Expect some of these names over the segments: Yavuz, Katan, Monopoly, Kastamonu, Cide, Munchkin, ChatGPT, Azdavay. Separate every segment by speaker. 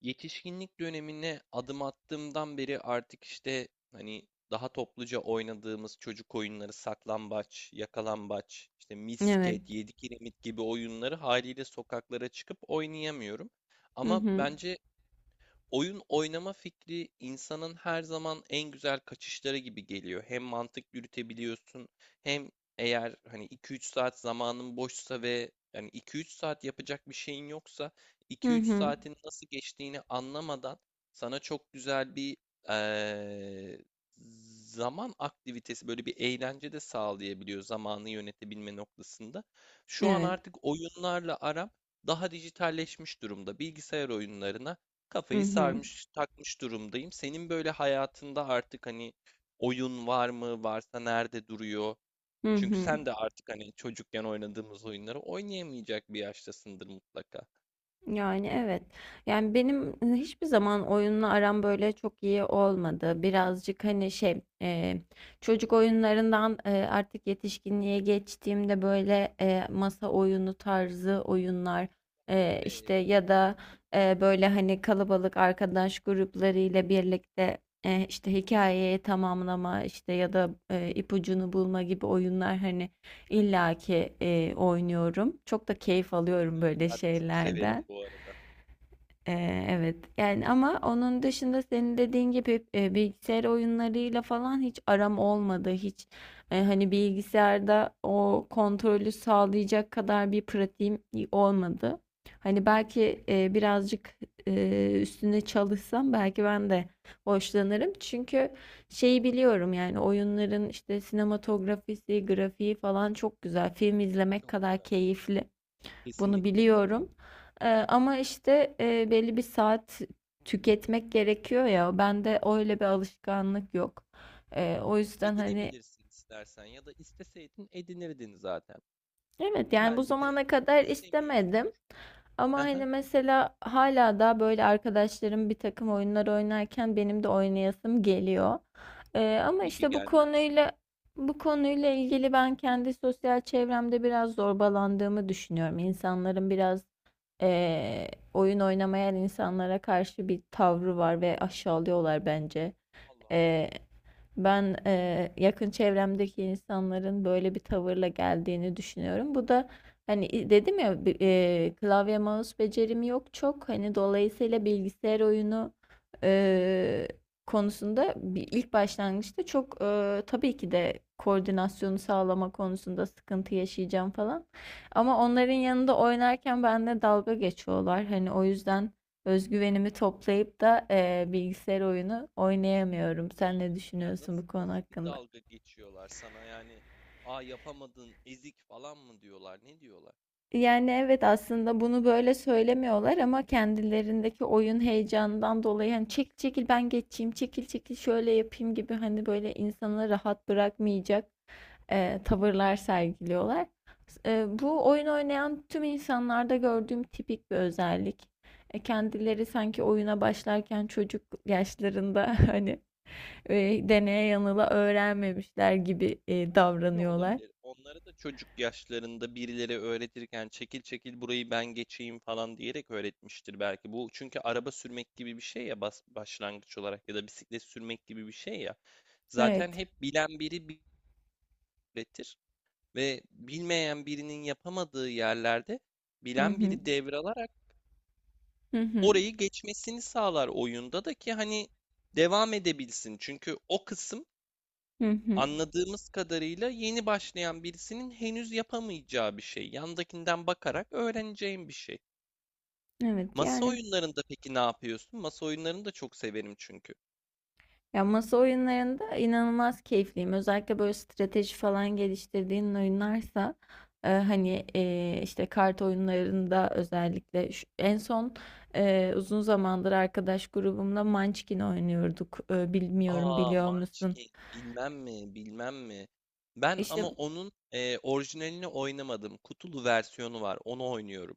Speaker 1: Yetişkinlik dönemine adım attığımdan beri artık işte hani daha topluca oynadığımız çocuk oyunları saklambaç, yakalambaç, işte
Speaker 2: Evet.
Speaker 1: misket, yedi kiremit gibi oyunları haliyle sokaklara çıkıp oynayamıyorum.
Speaker 2: Hı
Speaker 1: Ama
Speaker 2: hı.
Speaker 1: bence oyun oynama fikri insanın her zaman en güzel kaçışları gibi geliyor. Hem mantık yürütebiliyorsun, hem eğer hani 2-3 saat zamanın boşsa ve yani 2-3 saat yapacak bir şeyin yoksa,
Speaker 2: Hı
Speaker 1: 2-3
Speaker 2: hı.
Speaker 1: saatin nasıl geçtiğini anlamadan sana çok güzel bir eee, zaman aktivitesi, böyle bir eğlence de sağlayabiliyor zamanı yönetebilme noktasında. Şu an
Speaker 2: Evet.
Speaker 1: artık oyunlarla aram daha dijitalleşmiş durumda. Bilgisayar oyunlarına
Speaker 2: Hı
Speaker 1: kafayı
Speaker 2: hı.
Speaker 1: sarmış, takmış durumdayım. Senin böyle hayatında artık hani oyun var mı? Varsa nerede duruyor?
Speaker 2: Hı
Speaker 1: Çünkü
Speaker 2: hı.
Speaker 1: sen de artık hani çocukken oynadığımız oyunları oynayamayacak bir yaştasındır mutlaka.
Speaker 2: Yani, evet. Yani, hiçbir zaman oyunla aram böyle çok iyi olmadı. Birazcık, hani, şey, çocuk oyunlarından, artık yetişkinliğe geçtiğimde, böyle, masa oyunu tarzı oyunlar, işte,
Speaker 1: Evet,
Speaker 2: ya da, böyle, hani, kalabalık arkadaş gruplarıyla birlikte, işte, hikâyeyi tamamlama, işte, ya da, ipucunu bulma gibi oyunlar, hani, illaki, oynuyorum. Çok da keyif
Speaker 1: masa
Speaker 2: alıyorum
Speaker 1: oyunlarını
Speaker 2: böyle
Speaker 1: ben de çok severim
Speaker 2: şeylerden.
Speaker 1: bu arada.
Speaker 2: Evet yani ama onun dışında senin dediğin gibi bilgisayar oyunlarıyla falan hiç aram olmadı. Hiç hani bilgisayarda o kontrolü sağlayacak kadar bir pratiğim olmadı. Hani
Speaker 1: Hı,
Speaker 2: belki birazcık üstüne çalışsam belki ben de hoşlanırım. Çünkü şeyi biliyorum yani oyunların işte sinematografisi, grafiği falan çok güzel. Film izlemek
Speaker 1: Çok
Speaker 2: kadar
Speaker 1: güzel.
Speaker 2: keyifli. Bunu
Speaker 1: Kesinlikle.
Speaker 2: biliyorum. Ama işte belli bir saat tüketmek gerekiyor ya. Bende öyle bir alışkanlık yok. O
Speaker 1: Evet,
Speaker 2: yüzden hani
Speaker 1: edinebilirsin istersen ya da isteseydin edinirdin zaten.
Speaker 2: evet yani bu
Speaker 1: Belki de
Speaker 2: zamana kadar istemedim.
Speaker 1: istemiyorsundur.
Speaker 2: Ama
Speaker 1: Haha,
Speaker 2: hani mesela hala da böyle arkadaşlarım bir takım oyunlar oynarken benim de oynayasım geliyor. Ama
Speaker 1: tabii ki
Speaker 2: işte
Speaker 1: gelmez mi?
Speaker 2: bu konuyla ilgili ben kendi sosyal çevremde biraz zorbalandığımı düşünüyorum. İnsanların biraz oyun oynamayan insanlara karşı bir tavrı var ve aşağılıyorlar bence.
Speaker 1: Allah Allah.
Speaker 2: Eee ben yakın çevremdeki insanların böyle bir tavırla geldiğini düşünüyorum. Bu da hani dedim ya klavye mouse becerim yok çok. Hani dolayısıyla bilgisayar oyunu eee, konusunda ilk başlangıçta çok tabii ki de koordinasyonu sağlama konusunda sıkıntı yaşayacağım falan.
Speaker 1: Hı
Speaker 2: Ama
Speaker 1: hı.
Speaker 2: onların yanında oynarken benimle dalga geçiyorlar. Hani o yüzden özgüvenimi toplayıp da bilgisayar oyunu oynayamıyorum. Sen ne
Speaker 1: İlginç. Ya
Speaker 2: düşünüyorsun
Speaker 1: nasıl
Speaker 2: bu konu
Speaker 1: nasıl bir
Speaker 2: hakkında?
Speaker 1: dalga geçiyorlar sana yani? Aa, yapamadın, ezik falan mı diyorlar? Ne diyorlar?
Speaker 2: Yani evet aslında bunu böyle söylemiyorlar ama kendilerindeki oyun heyecanından dolayı hani çekil çekil ben geçeyim, çekil çekil şöyle yapayım gibi hani böyle insanı rahat bırakmayacak tavırlar sergiliyorlar. Bu oyun oynayan tüm insanlarda gördüğüm tipik bir özellik. Kendileri sanki oyuna başlarken çocuk yaşlarında hani deneye yanıla öğrenmemişler gibi
Speaker 1: Şöyle
Speaker 2: davranıyorlar.
Speaker 1: olabilir. Onlara da çocuk yaşlarında birileri öğretirken çekil çekil burayı ben geçeyim falan diyerek öğretmiştir belki. Bu çünkü araba sürmek gibi bir şey ya, başlangıç olarak, ya da bisiklet sürmek gibi bir şey ya. Zaten
Speaker 2: Evet.
Speaker 1: hep bilen biri öğretir ve bilmeyen birinin yapamadığı yerlerde
Speaker 2: Hı
Speaker 1: bilen
Speaker 2: hı.
Speaker 1: biri devralarak
Speaker 2: Hı hı.
Speaker 1: orayı geçmesini sağlar oyunda da ki hani devam edebilsin. Çünkü o kısım,
Speaker 2: Hı hı.
Speaker 1: anladığımız kadarıyla, yeni başlayan birisinin henüz yapamayacağı bir şey. Yandakinden bakarak öğreneceğim bir şey.
Speaker 2: Evet
Speaker 1: Masa
Speaker 2: yani
Speaker 1: oyunlarında peki ne yapıyorsun? Masa oyunlarını da çok severim çünkü.
Speaker 2: ya masa oyunlarında inanılmaz keyifliyim. Özellikle böyle strateji falan geliştirdiğin oyunlarsa hani işte kart oyunlarında özellikle en son uzun zamandır arkadaş grubumla Munchkin oynuyorduk. Bilmiyorum
Speaker 1: Aa,
Speaker 2: biliyor musun?
Speaker 1: Munchkin bilmem mi bilmem mi. Ben
Speaker 2: İşte,
Speaker 1: ama onun orijinalini oynamadım. Kutulu versiyonu var. Onu oynuyorum.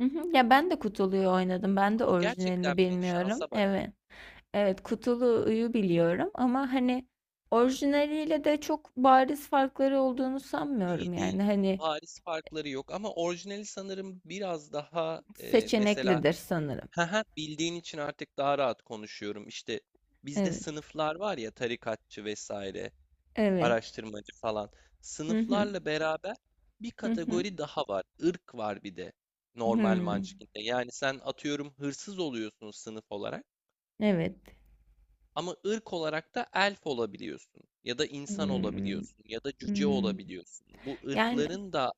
Speaker 2: hı hı. Ya ben de kutuluyu oynadım. Ben de
Speaker 1: Aa,
Speaker 2: orijinalini
Speaker 1: gerçekten mi?
Speaker 2: bilmiyorum.
Speaker 1: Şansa bak.
Speaker 2: Evet. Evet, kutuluyu biliyorum ama hani orijinaliyle de çok bariz farkları olduğunu sanmıyorum
Speaker 1: Değil
Speaker 2: yani
Speaker 1: değil.
Speaker 2: hani
Speaker 1: Paris farkları yok ama orijinali sanırım biraz daha mesela.
Speaker 2: seçeneklidir sanırım.
Speaker 1: Hı hı, bildiğin için artık daha rahat konuşuyorum. İşte bizde
Speaker 2: Evet.
Speaker 1: sınıflar var ya, tarikatçı vesaire,
Speaker 2: Evet.
Speaker 1: araştırmacı falan.
Speaker 2: Hı hı.
Speaker 1: Sınıflarla beraber bir
Speaker 2: Hı hı.
Speaker 1: kategori daha var. Irk var bir de normal
Speaker 2: Hmm.
Speaker 1: Munchkin'de. Yani sen atıyorum hırsız oluyorsun sınıf olarak,
Speaker 2: Evet.
Speaker 1: ama ırk olarak da elf olabiliyorsun ya da insan
Speaker 2: Hmm.
Speaker 1: olabiliyorsun ya da cüce
Speaker 2: Hmm.
Speaker 1: olabiliyorsun. Bu
Speaker 2: Yani,
Speaker 1: ırkların da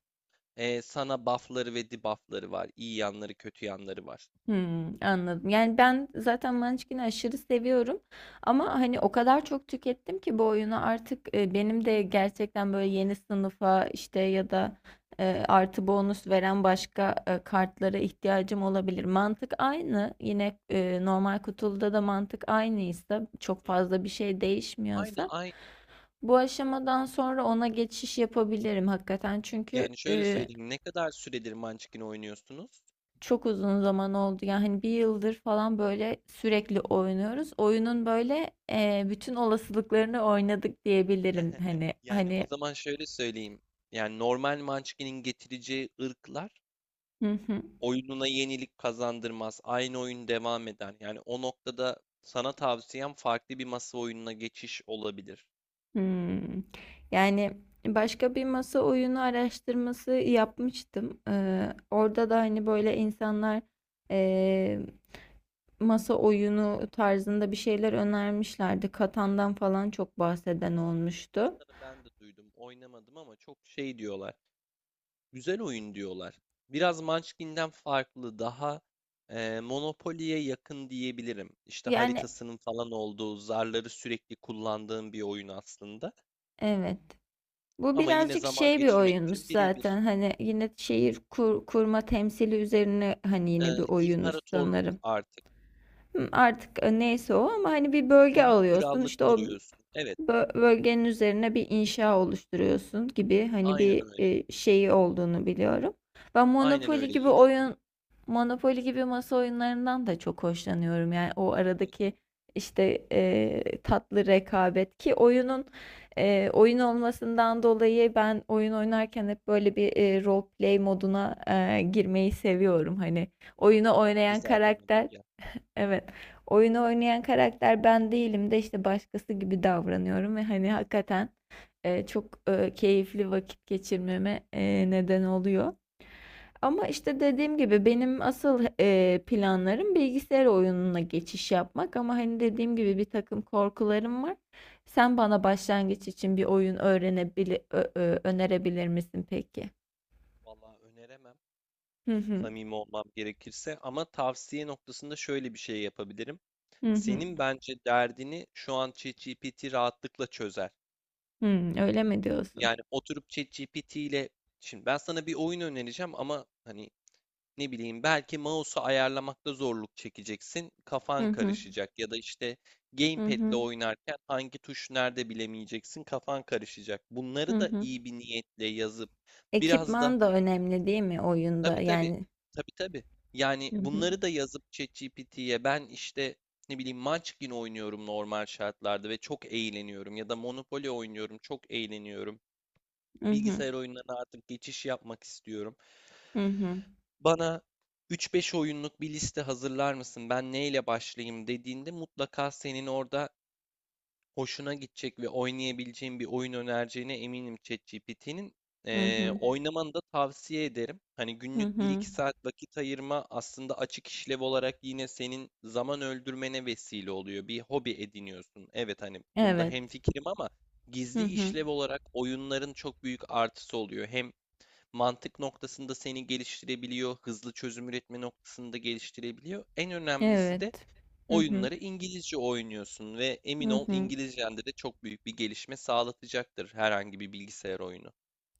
Speaker 1: sana buff'ları ve debuff'ları var. İyi yanları, kötü yanları var.
Speaker 2: hımm, anladım. Yani, ben zaten Munchkin'i aşırı seviyorum ama, hani, o kadar çok tükettim ki bu oyunu artık, benim de gerçekten, böyle, yeni sınıfa, işte, ya da, artı bonus veren başka, kartlara ihtiyacım olabilir. Mantık aynı. Yine, normal kutuluda da mantık aynıysa, çok
Speaker 1: Hı hı.
Speaker 2: fazla bir şey
Speaker 1: Aynı
Speaker 2: değişmiyorsa
Speaker 1: aynı.
Speaker 2: bu aşamadan sonra ona geçiş yapabilirim hakikaten. Çünkü,
Speaker 1: Yani şöyle söyleyeyim. Ne kadar süredir Munchkin oynuyorsunuz?
Speaker 2: çok uzun zaman oldu. Yani hani bir yıldır falan böyle sürekli oynuyoruz. Oyunun böyle bütün olasılıklarını oynadık diyebilirim. Hani
Speaker 1: Yani o
Speaker 2: hani
Speaker 1: zaman şöyle söyleyeyim. Yani normal Munchkin'in getireceği ırklar
Speaker 2: hı hı,
Speaker 1: oyununa yenilik kazandırmaz. Aynı oyun devam eder. Yani o noktada sana tavsiyem farklı bir masa oyununa geçiş olabilir.
Speaker 2: hmm. Yani başka bir masa oyunu araştırması yapmıştım. Orada da hani böyle insanlar e, masa oyunu tarzında bir şeyler önermişlerdi. Katan'dan falan çok bahseden
Speaker 1: Ha, evet,
Speaker 2: olmuştu.
Speaker 1: Katan'ı ben de duydum. Oynamadım ama çok şey diyorlar. Güzel oyun diyorlar. Biraz Munchkin'den farklı, daha Monopoly'ye yakın diyebilirim. İşte
Speaker 2: Yani
Speaker 1: haritasının falan olduğu, zarları sürekli kullandığım bir oyun aslında.
Speaker 2: evet. Bu
Speaker 1: Ama yine
Speaker 2: birazcık
Speaker 1: zaman
Speaker 2: şey bir
Speaker 1: geçirmek
Speaker 2: oyunmuş
Speaker 1: için birebir.
Speaker 2: zaten. Hani yine şehir kurma temsili üzerine hani yine
Speaker 1: Ee,
Speaker 2: bir oyunmuş
Speaker 1: imparatorluk
Speaker 2: sanırım.
Speaker 1: artık.
Speaker 2: Hı, artık neyse o ama hani bir
Speaker 1: Hı
Speaker 2: bölge
Speaker 1: hı,
Speaker 2: alıyorsun.
Speaker 1: krallık
Speaker 2: İşte o
Speaker 1: kuruyorsun. Evet,
Speaker 2: bölgenin üzerine bir inşa oluşturuyorsun gibi hani
Speaker 1: aynen
Speaker 2: bir
Speaker 1: öyle.
Speaker 2: şeyi olduğunu biliyorum. Ben
Speaker 1: Aynen
Speaker 2: Monopoly
Speaker 1: öyle.
Speaker 2: gibi
Speaker 1: Yine,
Speaker 2: oyun Monopoly gibi masa oyunlarından da çok hoşlanıyorum. Yani o
Speaker 1: hı hı,
Speaker 2: aradaki işte tatlı rekabet ki oyunun oyun olmasından dolayı ben oyun oynarken hep böyle bir role play moduna girmeyi seviyorum. Hani
Speaker 1: oyunun
Speaker 2: oyunu
Speaker 1: amacı
Speaker 2: oynayan
Speaker 1: zaten odur
Speaker 2: karakter.
Speaker 1: ya.
Speaker 2: Evet. Oyunu oynayan karakter ben değilim de işte başkası gibi davranıyorum ve hani hakikaten çok keyifli vakit geçirmeme neden oluyor. Ama işte dediğim gibi benim asıl planlarım bilgisayar oyununa geçiş yapmak ama hani dediğim gibi bir takım korkularım var. Sen bana başlangıç için bir oyun önerebilir misin peki?
Speaker 1: Vallahi öneremem.
Speaker 2: Hı hı.
Speaker 1: Samimi olmam gerekirse, ama tavsiye noktasında şöyle bir şey yapabilirim.
Speaker 2: Hı hı.
Speaker 1: Senin bence derdini şu an ChatGPT rahatlıkla çözer.
Speaker 2: Hı, öyle mi diyorsun?
Speaker 1: Yani oturup ChatGPT ile şimdi ben sana bir oyun önereceğim ama hani, ne bileyim, belki mouse'u ayarlamakta zorluk çekeceksin.
Speaker 2: Hı
Speaker 1: Kafan
Speaker 2: hı.
Speaker 1: karışacak, ya da işte
Speaker 2: Hı
Speaker 1: gamepad'le
Speaker 2: hı.
Speaker 1: oynarken hangi tuş nerede bilemeyeceksin. Kafan karışacak.
Speaker 2: Hı
Speaker 1: Bunları da
Speaker 2: hı.
Speaker 1: iyi bir niyetle yazıp, biraz da,
Speaker 2: Ekipman da önemli değil mi
Speaker 1: tabii,
Speaker 2: oyunda?
Speaker 1: tabii,
Speaker 2: Yani.
Speaker 1: tabii, tabii, yani
Speaker 2: Hı hı.
Speaker 1: bunları da yazıp ChatGPT'ye, ben işte, ne bileyim, Munchkin oynuyorum normal şartlarda ve çok eğleniyorum, ya da Monopoly oynuyorum çok eğleniyorum.
Speaker 2: Hı hı.
Speaker 1: Bilgisayar oyunlarına artık geçiş yapmak istiyorum.
Speaker 2: Hı hı.
Speaker 1: Bana 3-5 oyunluk bir liste hazırlar mısın? Ben neyle başlayayım dediğinde mutlaka senin orada hoşuna gidecek ve oynayabileceğin bir oyun önereceğine eminim ChatGPT'nin.
Speaker 2: Hı
Speaker 1: Ee,
Speaker 2: hı.
Speaker 1: oynamanı da tavsiye ederim. Hani
Speaker 2: Hı
Speaker 1: günlük bir
Speaker 2: hı.
Speaker 1: iki saat vakit ayırma aslında açık işlev olarak yine senin zaman öldürmene vesile oluyor. Bir hobi ediniyorsun. Evet hani bunda
Speaker 2: Evet.
Speaker 1: hemfikirim, ama
Speaker 2: Hı
Speaker 1: gizli
Speaker 2: hı.
Speaker 1: işlev olarak oyunların çok büyük artısı oluyor. Hem mantık noktasında seni geliştirebiliyor, hızlı çözüm üretme noktasında geliştirebiliyor. En önemlisi de,
Speaker 2: Evet. Hı hı.
Speaker 1: oyunları İngilizce oynuyorsun ve emin
Speaker 2: Hı
Speaker 1: ol
Speaker 2: hı.
Speaker 1: İngilizcende de çok büyük bir gelişme sağlatacaktır herhangi bir bilgisayar oyunu.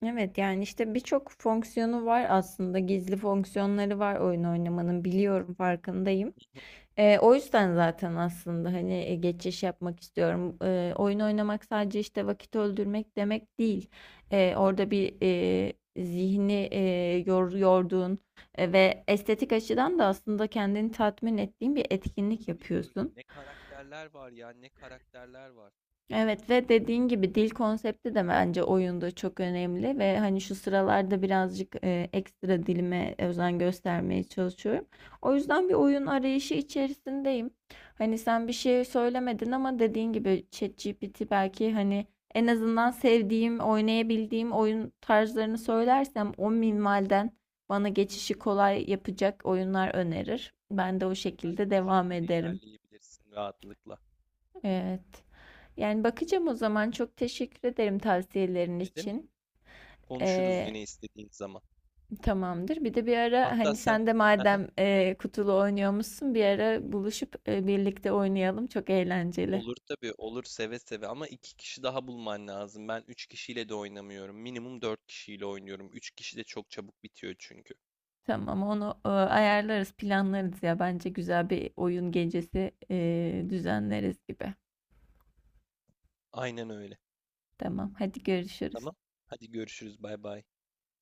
Speaker 2: Evet yani işte birçok fonksiyonu var aslında. Gizli fonksiyonları var oyun oynamanın, biliyorum, farkındayım.
Speaker 1: Hı,
Speaker 2: O yüzden zaten aslında hani geçiş yapmak istiyorum. Oyun oynamak sadece işte vakit öldürmek demek değil. Eee,
Speaker 1: Tabii
Speaker 2: orada
Speaker 1: ki de,
Speaker 2: bir zihni yorduğun ve estetik açıdan da aslında kendini tatmin ettiğin bir etkinlik
Speaker 1: tabii ki öyle.
Speaker 2: yapıyorsun.
Speaker 1: Ne karakterler var ya, ne karakterler var.
Speaker 2: Evet ve dediğin gibi dil konsepti de bence oyunda çok önemli ve hani şu sıralarda birazcık ekstra dilime özen göstermeye çalışıyorum. O
Speaker 1: Hı
Speaker 2: yüzden bir
Speaker 1: hı.
Speaker 2: oyun arayışı içerisindeyim. Hani sen bir şey söylemedin ama dediğin gibi ChatGPT belki hani en azından sevdiğim, oynayabildiğim oyun tarzlarını söylersem o minvalden bana geçişi kolay yapacak oyunlar önerir. Ben de o şekilde
Speaker 1: Bence o
Speaker 2: devam
Speaker 1: şekilde
Speaker 2: ederim.
Speaker 1: ilerleyebilirsin rahatlıkla.
Speaker 2: Evet. Yani bakacağım o zaman. Çok teşekkür ederim tavsiyelerin
Speaker 1: Ne demek?
Speaker 2: için.
Speaker 1: Konuşuruz
Speaker 2: Ee,
Speaker 1: yine istediğin zaman.
Speaker 2: tamamdır. Bir de bir ara
Speaker 1: Hatta
Speaker 2: hani
Speaker 1: sen
Speaker 2: sen de madem kutulu oynuyormuşsun, bir ara buluşup birlikte oynayalım. Çok eğlenceli.
Speaker 1: olur tabii olur, seve seve, ama iki kişi daha bulman lazım. Ben üç kişiyle de oynamıyorum. Minimum dört kişiyle oynuyorum. Üç kişi de çok çabuk bitiyor çünkü.
Speaker 2: Tamam, onu ayarlarız, planlarız ya. Bence güzel bir oyun gecesi düzenleriz gibi.
Speaker 1: Aynen öyle.
Speaker 2: Tamam, hadi görüşürüz.
Speaker 1: Tamam. Hadi görüşürüz. Bay bay.